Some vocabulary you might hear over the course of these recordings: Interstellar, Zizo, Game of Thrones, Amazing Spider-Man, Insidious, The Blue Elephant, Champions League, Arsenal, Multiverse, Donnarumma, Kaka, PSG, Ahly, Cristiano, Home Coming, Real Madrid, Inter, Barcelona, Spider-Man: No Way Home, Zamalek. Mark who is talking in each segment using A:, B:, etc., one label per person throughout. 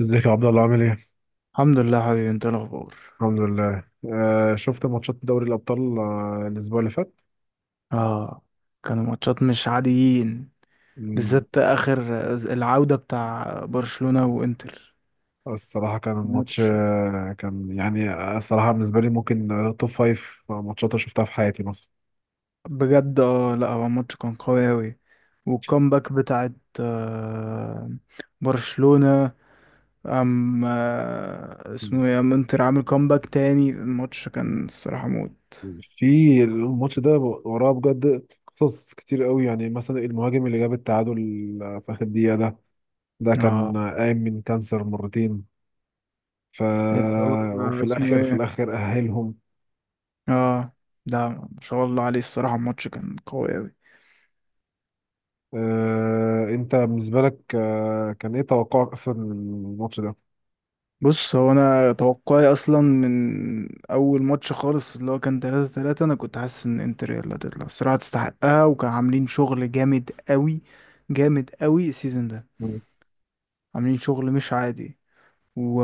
A: ازيك يا عبد الله عامل ايه؟
B: الحمد لله حبيبي، انت ايه الاخبار؟
A: الحمد لله. شفت ماتشات دوري الابطال الاسبوع اللي فات.
B: اه كانوا ماتشات مش عاديين،
A: مم،
B: بالذات اخر العودة بتاع برشلونة وانتر.
A: الصراحه كان
B: كان
A: الماتش
B: ماتش،
A: كان الصراحه بالنسبه لي ممكن، توب فايف ماتشات أنا شفتها في حياتي مثلا.
B: بجد. اه لا، هو الماتش كان قوي اوي. والكامباك بتاعت آه برشلونة، ام آه
A: مم.
B: اسمه ايه، انتر عامل كامباك تاني. الماتش كان الصراحة موت.
A: في الماتش ده وراه بجد قصص كتير قوي، يعني مثلا المهاجم اللي جاب التعادل في اخر دقيقه ده، ده كان
B: اه
A: قايم من كانسر مرتين. ف
B: اللي هو
A: وفي
B: اسمه
A: الاخر، في
B: ايه.
A: الاخر اهلهم.
B: اه ده ما شاء الله عليه، الصراحة الماتش كان قوي اوي.
A: انت بالنسبه لك كان ايه توقعك اصلا للماتش ده؟
B: بص، هو انا توقعي اصلا من اول ماتش خالص اللي هو كان 3-3، انا كنت حاسس ان انتر هي اللي هتطلع الصراحه، تستحقها. وكان عاملين شغل جامد قوي، جامد قوي السيزون ده.
A: مم.
B: عاملين شغل مش عادي، و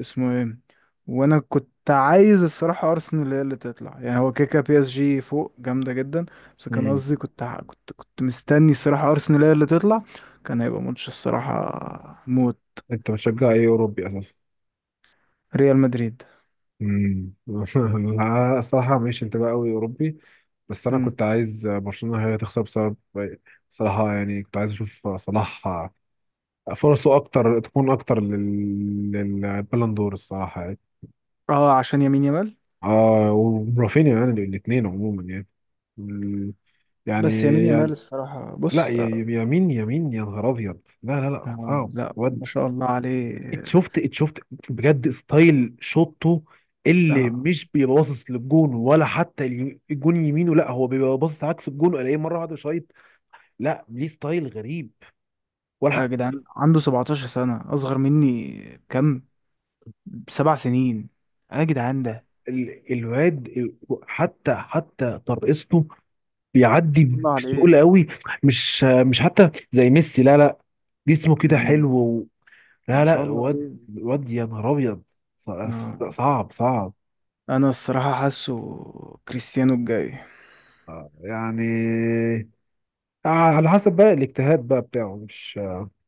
B: اسمه ايه وانا كنت عايز الصراحه ارسنال هي اللي تطلع، يعني هو كيكا PSG فوق جامده جدا. بس كان
A: مم.
B: قصدي، كنت ع- كنت كنت مستني الصراحه ارسنال هي اللي تطلع. كان هيبقى ماتش الصراحه موت.
A: انت بتشجع ايه اوروبي اساسا؟
B: ريال مدريد.
A: مم. لا الصراحه مش انتباه قوي اوروبي، بس انا كنت عايز برشلونه هي تخسر بسبب، صراحه يعني كنت عايز اشوف صلاح فرصه اكتر، تكون اكتر للبالون دور الصراحه يعني.
B: اه عشان يمين يامال.
A: اه ورافينيا يعني، الاثنين عموما يعني ال-
B: بس يمين يامال
A: يعني.
B: الصراحة،
A: لا
B: بص آه
A: يمين يا نهار ابيض، لا لا لا صعب
B: لا،
A: واد.
B: ما شاء الله عليه.
A: اتشفت اتشفت بجد ستايل شوطه، اللي
B: آه
A: مش بيبقى باصص للجون ولا حتى الجون يمينه، لا هو بيبقى باصص عكس الجون، الاقيه مره واحده شايط. لا ليه ستايل غريب، ولا
B: يا
A: حق-
B: جدعان عنده 17 سنة، أصغر مني كم؟ 7 سنين. يا جدعان ده،
A: ال- الواد ال- حتى حتى ترقصته
B: ما شاء
A: بيعدي
B: الله عليه.
A: بسهوله قوي، مش مش حتى زي ميسي، لا لا، جسمه كده
B: مم.
A: حلو
B: ما
A: لا
B: شاء
A: لا
B: الله
A: واد،
B: عليه.
A: واد يا نهار ابيض،
B: آه.
A: صعب صعب.
B: أنا الصراحة حاسه كريستيانو الجاي.
A: يعني على حسب بقى الاجتهاد بقى بتاعه مش.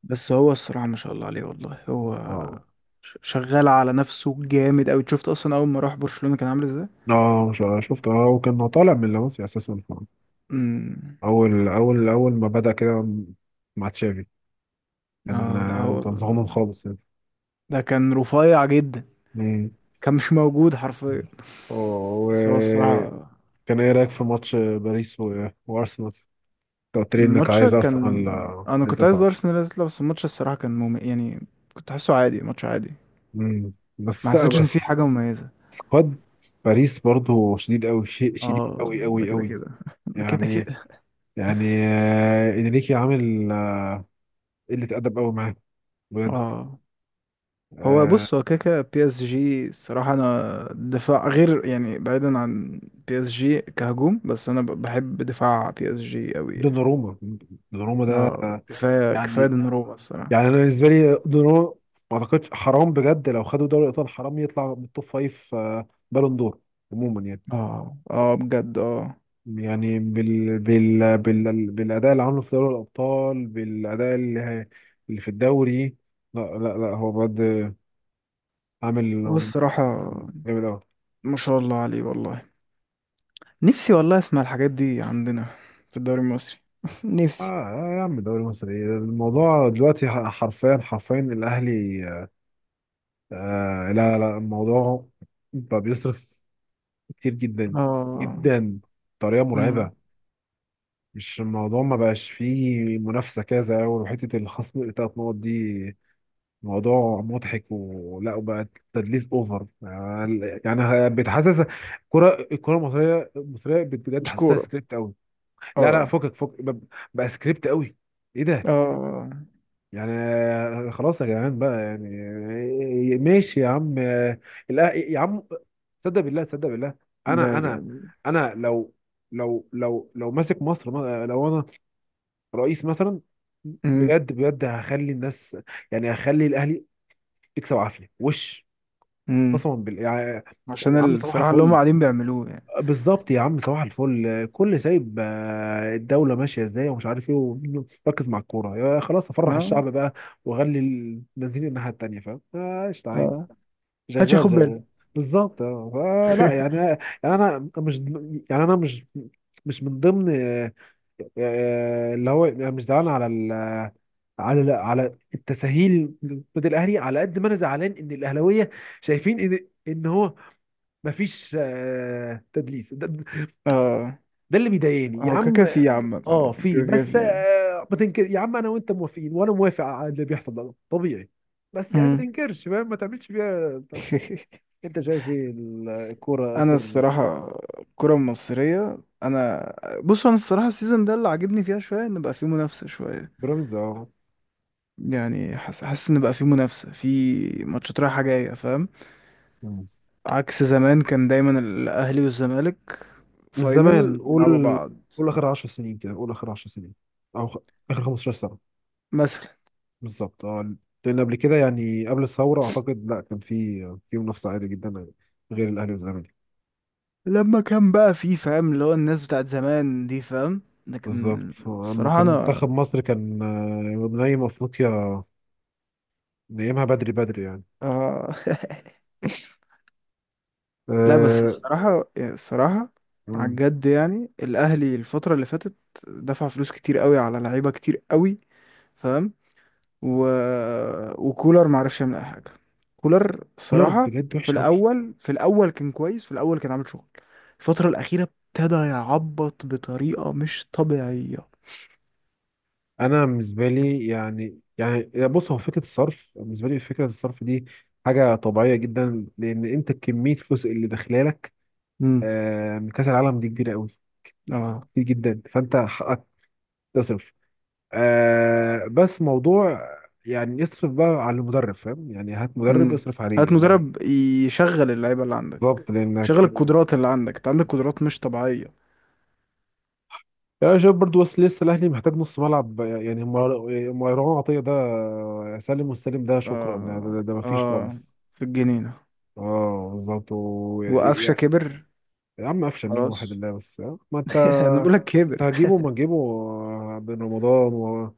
B: بس هو الصراحة ما شاء الله عليه والله. هو
A: اه
B: شغال على نفسه جامد أوي. شفت أصلا أول ما راح برشلونة كان عامل ازاي؟
A: اه شفت، اه كان طالع من لاماسيا اساسا،
B: مم.
A: اول ما بدأ كده مع تشافي، كان
B: اه لا، هو
A: كان صغنن خالص يعني.
B: ده كان رفيع جدا،
A: مم.
B: كان مش موجود حرفيا.
A: اه
B: بس هو الصراحة
A: وكان. ايه رأيك في ماتش باريس وارسنال؟ انت قلت لي انك
B: الماتش
A: عايز
B: كان
A: ارسنال
B: انا كنت عايز
A: للتصعد.
B: ارسنال اللي تطلع. بس الماتش الصراحة كان، يعني كنت حاسه عادي، ماتش عادي.
A: مم.
B: ما
A: بس لا
B: حسيتش ان في
A: بس
B: حاجة مميزة.
A: سكواد باريس برضو شديد قوي، شيء شديد
B: اه
A: قوي
B: ده
A: قوي
B: كده
A: قوي،
B: كده. ده كده
A: يعني.
B: كده.
A: يعني انريكي عامل قله ادب قوي معاه بجد.
B: اه هو،
A: آه،
B: بص، هو كده كده PSG الصراحة. انا دفاع، غير يعني، بعيدا عن PSG كهجوم، بس انا بحب دفاع PSG قوي يعني.
A: دوناروما، دوناروما ده
B: اه كفاية كفاية
A: يعني،
B: دوناروما الصراحة.
A: يعني انا بالنسبه لي دوناروما، ما اعتقدش، حرام بجد لو خدوا دوري الابطال، حرام يطلع من التوب فايف بالون دور عموما يعني.
B: اه بجد. اه
A: يعني بالاداء اللي عامله في دوري الابطال، اللي في الدوري. لا لا لا هو بجد عامل
B: هو الصراحة
A: جامد قوي.
B: ما شاء الله عليه والله. نفسي والله اسمع الحاجات دي عندنا في الدوري المصري.
A: اه
B: نفسي.
A: آه يا عم دوري مصر ايه الموضوع دلوقتي؟ حرفيا حرفيا الاهلي، آه لا لا الموضوع بقى بيصرف كتير جدا
B: اه
A: جدا بطريقه
B: مم.
A: مرعبه، مش الموضوع ما بقاش فيه منافسه كده زي الاول، وحته الخصم الثلاث نقط دي موضوع مضحك ولا وبقى تدليس اوفر يعني. يعني بتحسس الكره المصريه بجد
B: مش
A: حاسسها
B: كورة.
A: سكريبت قوي. لا لا
B: اه
A: فكك فك، بقى سكريبت قوي، ايه ده؟
B: اه
A: يعني خلاص يا جدعان بقى يعني، ماشي يا عم، لا يا عم، تصدق بالله تصدق بالله. انا
B: لا،
A: انا
B: لا.
A: انا لو لو لو ماسك مصر، لو انا رئيس مثلا،
B: مم.
A: بجد بجد هخلي الناس، يعني هخلي الاهلي تكسب عافيه وش،
B: مم.
A: قسما بالله يعني.
B: عشان
A: يا عم صباح
B: الصراحة اللي هم
A: الفل.
B: قاعدين بيعملوه يعني.
A: بالظبط يا عم صباح الفل، كل سايب الدولة ماشية ازاي ومش عارف ايه، وركز مع الكورة، يا خلاص افرح
B: اه
A: الشعب بقى واغلي المزيين الناحية التانية، فاهم قشطة عادي،
B: اه محدش
A: شغال
B: ياخد
A: شغال.
B: باله.
A: بالظبط اه. لا يعني انا مش، يعني انا مش مش من ضمن اللي هو يعني مش زعلان على على على التساهيل ضد الاهلي، على قد ما انا زعلان ان الاهلاويه شايفين ان ان هو مفيش تدليس،
B: اه
A: ده اللي بيضايقني يا
B: هو كاكا
A: عم.
B: في عامة.
A: اه في
B: كاكا
A: بس
B: في.
A: آه ما تنكر يا عم، انا وانت موافقين وانا موافق على اللي بيحصل ده طبيعي، بس يعني ما
B: مم.
A: تنكرش فاهم، ما تعملش فيها بتاع ده. انت شايف ايه الكوره
B: انا
A: اخر؟
B: الصراحة الكرة المصرية انا بص، انا الصراحة السيزون ده اللي عاجبني فيها شوية ان بقى فيه منافسة شوية.
A: بيراميدز اه.
B: يعني حاسس ان بقى في منافسه، في ماتشات رايحه جايه، فاهم.
A: مم.
B: عكس زمان، كان دايما الاهلي والزمالك
A: من زمان
B: فاينل بيلعبوا
A: قول،
B: بعض.
A: قول اخر 10 سنين كده، قول اخر 10 سنين، او خ... اخر 15 سنه.
B: مثلا
A: بالظبط اه. لان قبل كده يعني قبل الثوره اعتقد لا كان في، في منافسه عادي جدا غير الاهلي والزمالك.
B: لما كان بقى في، فاهم، اللي هو الناس بتاعت زمان دي، فاهم. لكن
A: بالظبط، اما
B: الصراحه،
A: كان
B: انا،
A: منتخب مصر كان نايم افريقيا، نقيمها بدري بدري يعني.
B: آه. لا بس
A: أه...
B: الصراحه على
A: مم.
B: الجد، يعني الاهلي الفتره اللي فاتت دفع فلوس كتير قوي على لعيبه كتير قوي، فاهم. و... وكولر ما عرفش يعمل اي حاجه. كولر،
A: كولر
B: الصراحه،
A: بجد
B: في
A: وحش قوي.
B: الاول في الاول كان كويس، في الاول كان عامل شغل. الفتره الاخيره ابتدى يعبط بطريقه مش طبيعيه.
A: انا بالنسبه لي يعني، يعني بص هو فكره الصرف بالنسبه لي، فكره الصرف دي حاجه طبيعيه جدا، لان انت كميه الفلوس اللي داخله لك
B: امم
A: من كاس العالم دي كبيره قوي،
B: اه
A: كتير جدا، فانت حقك تصرف، بس موضوع يعني يصرف بقى على المدرب، فاهم يعني، هات مدرب
B: امم
A: يصرف عليه
B: هات
A: يعني.
B: مدرب يشغل اللعيبه اللي
A: بالظبط
B: عندك، شغل
A: لانك.
B: القدرات اللي عندك. انت عندك قدرات مش طبيعيه.
A: يا شباب برضو بس لسه الاهلي محتاج نص ملعب، يعني مروان عطيه ده، سالم والسالم ده، شكرا ده،
B: اه
A: مفيش
B: اه
A: خالص.
B: في الجنينه
A: اه بالظبط
B: وقفشه
A: يعني.
B: كبر.
A: يا عم قفشه مين واحد
B: خلاص.
A: الله، بس آه. ما انت،
B: انا بقول لك
A: انت
B: كبر.
A: هتجيبه ما تجيبه بن رمضان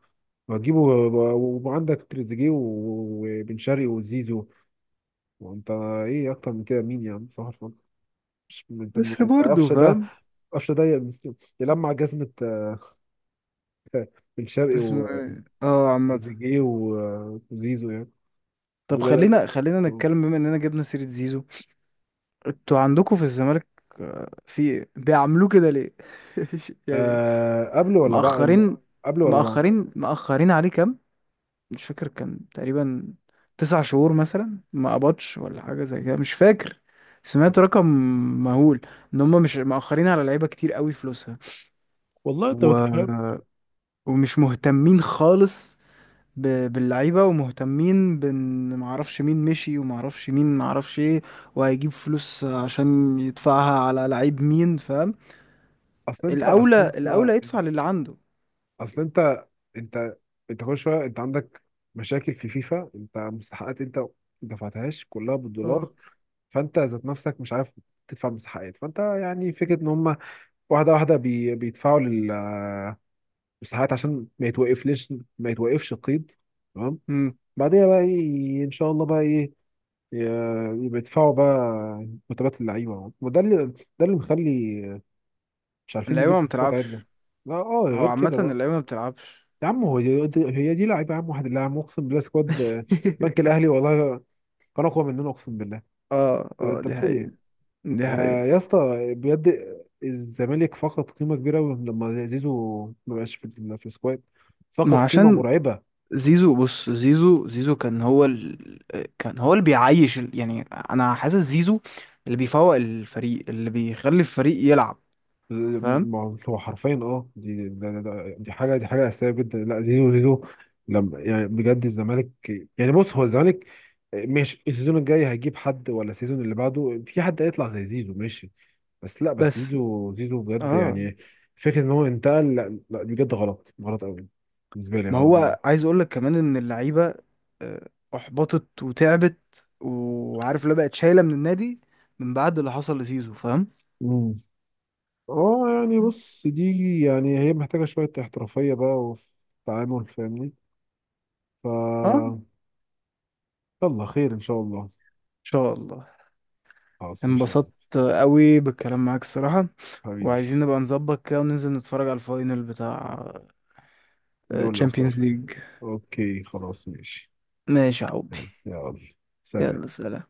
A: وهتجيبه وعندك تريزيجيه وبن شرقي وزيزو، وانت ايه اكتر من كده؟ مين يا عم صح الفل. مش انت
B: بس
A: أنت
B: برضه
A: قفشه ده،
B: فاهم،
A: قفشه ده يلمع جزمه، آه، بن شرقي،
B: اسمه ايه، عامه.
A: تريزيجيه وزيزو يعني.
B: طب،
A: دول-
B: خلينا نتكلم، بما اننا جبنا سيرة زيزو. انتوا عندكم في الزمالك، آه، في بيعملوه كده ليه؟ يعني
A: آه قبل ولا بعد؟
B: مأخرين،
A: قبل ولا بعد؟
B: مأخرين عليه كام. مش فاكر، كان تقريبا 9 شهور مثلا ما قبضش ولا حاجة زي كده، مش فاكر. سمعت رقم مهول ان هم مش مأخرين على لعيبة كتير قوي فلوسها.
A: والله انت ما
B: و...
A: تفهم.
B: ومش مهتمين خالص باللعيبة، ومهتمين بان معرفش مين مشي ومعرفش مين معرفش ايه، وهيجيب فلوس عشان يدفعها على لعيب مين، فاهم.
A: اصل انت اصل
B: الأولى
A: انت
B: الأولى يدفع للي عنده.
A: اصل انت انت انت كل شويه، انت عندك مشاكل في فيفا، انت مستحقات انت ما دفعتهاش كلها بالدولار،
B: اه
A: فانت ذات نفسك مش عارف تدفع مستحقات، فانت يعني فكره ان هم واحده واحده بيدفعوا للمستحقات عشان ما يتوقفليش، ما يتوقفش القيد، تمام؟
B: امم
A: بعدين بقى ايه ان شاء الله بقى ايه، بيدفعوا بقى مرتبات اللعيبه، وده اللي، ده اللي مخلي مش عارفين نجيب
B: اللعيبة ما
A: صفقات عدله.
B: بتلعبش.
A: لا اه
B: هو
A: غير
B: عامة
A: كده بقى.
B: اللعيبة ما بتلعبش.
A: يا عم هو هي دي لعيبه يا عم، واحد اللي عم اقسم بالله سكواد بنك الاهلي والله كان اقوى مننا اقسم بالله.
B: اه
A: انت
B: دي
A: بتقول ايه؟
B: حقيقة، دي
A: آه يا
B: حقيقة.
A: اسطى، بجد الزمالك فقد قيمه كبيره أوي لما زيزو ما بقاش في في السكواد، فقد
B: ما
A: قيمه
B: عشان
A: مرعبه.
B: زيزو، بص، زيزو كان هو كان هو اللي بيعيش يعني انا حاسس زيزو اللي بيفوق الفريق، اللي بيخلي الفريق يلعب، فاهم.
A: ما هو حرفيا اه، دي ده ده ده دي حاجه، دي حاجه اساسيه جدا، لا زيزو زيزو لما، يعني بجد الزمالك، يعني بص هو الزمالك، مش السيزون الجاي هيجيب حد ولا السيزون اللي بعده في حد هيطلع زي زيزو، ماشي بس، لا بس
B: بس.
A: زيزو زيزو بجد
B: اه
A: يعني، فكره ان هو انتقل لا بجد غلط، غلط قوي بالنسبه لي،
B: ما
A: غلط.
B: هو، عايز اقول لك كمان ان اللعيبه، آه، احبطت وتعبت. وعارف، لا، بقت شايله من النادي من بعد اللي حصل لسيزو، فاهم.
A: امم. اه يعني بص دي يعني، هي محتاجه شويه احترافيه بقى، وفي التعامل فاهمني.
B: اه ان
A: ف يلا خير ان شاء الله.
B: شاء الله.
A: خلاص ماشي.
B: انبسطت قوي بالكلام معاك الصراحه،
A: حبيبي.
B: وعايزين نبقى نظبط كده وننزل نتفرج على الفاينل بتاع
A: دوري
B: تشامبيونز
A: الأبطال.
B: ليج.
A: أوكي خلاص ماشي.
B: ماشي يا حبي،
A: ماشي، يلا. سلام.
B: يلا سلام.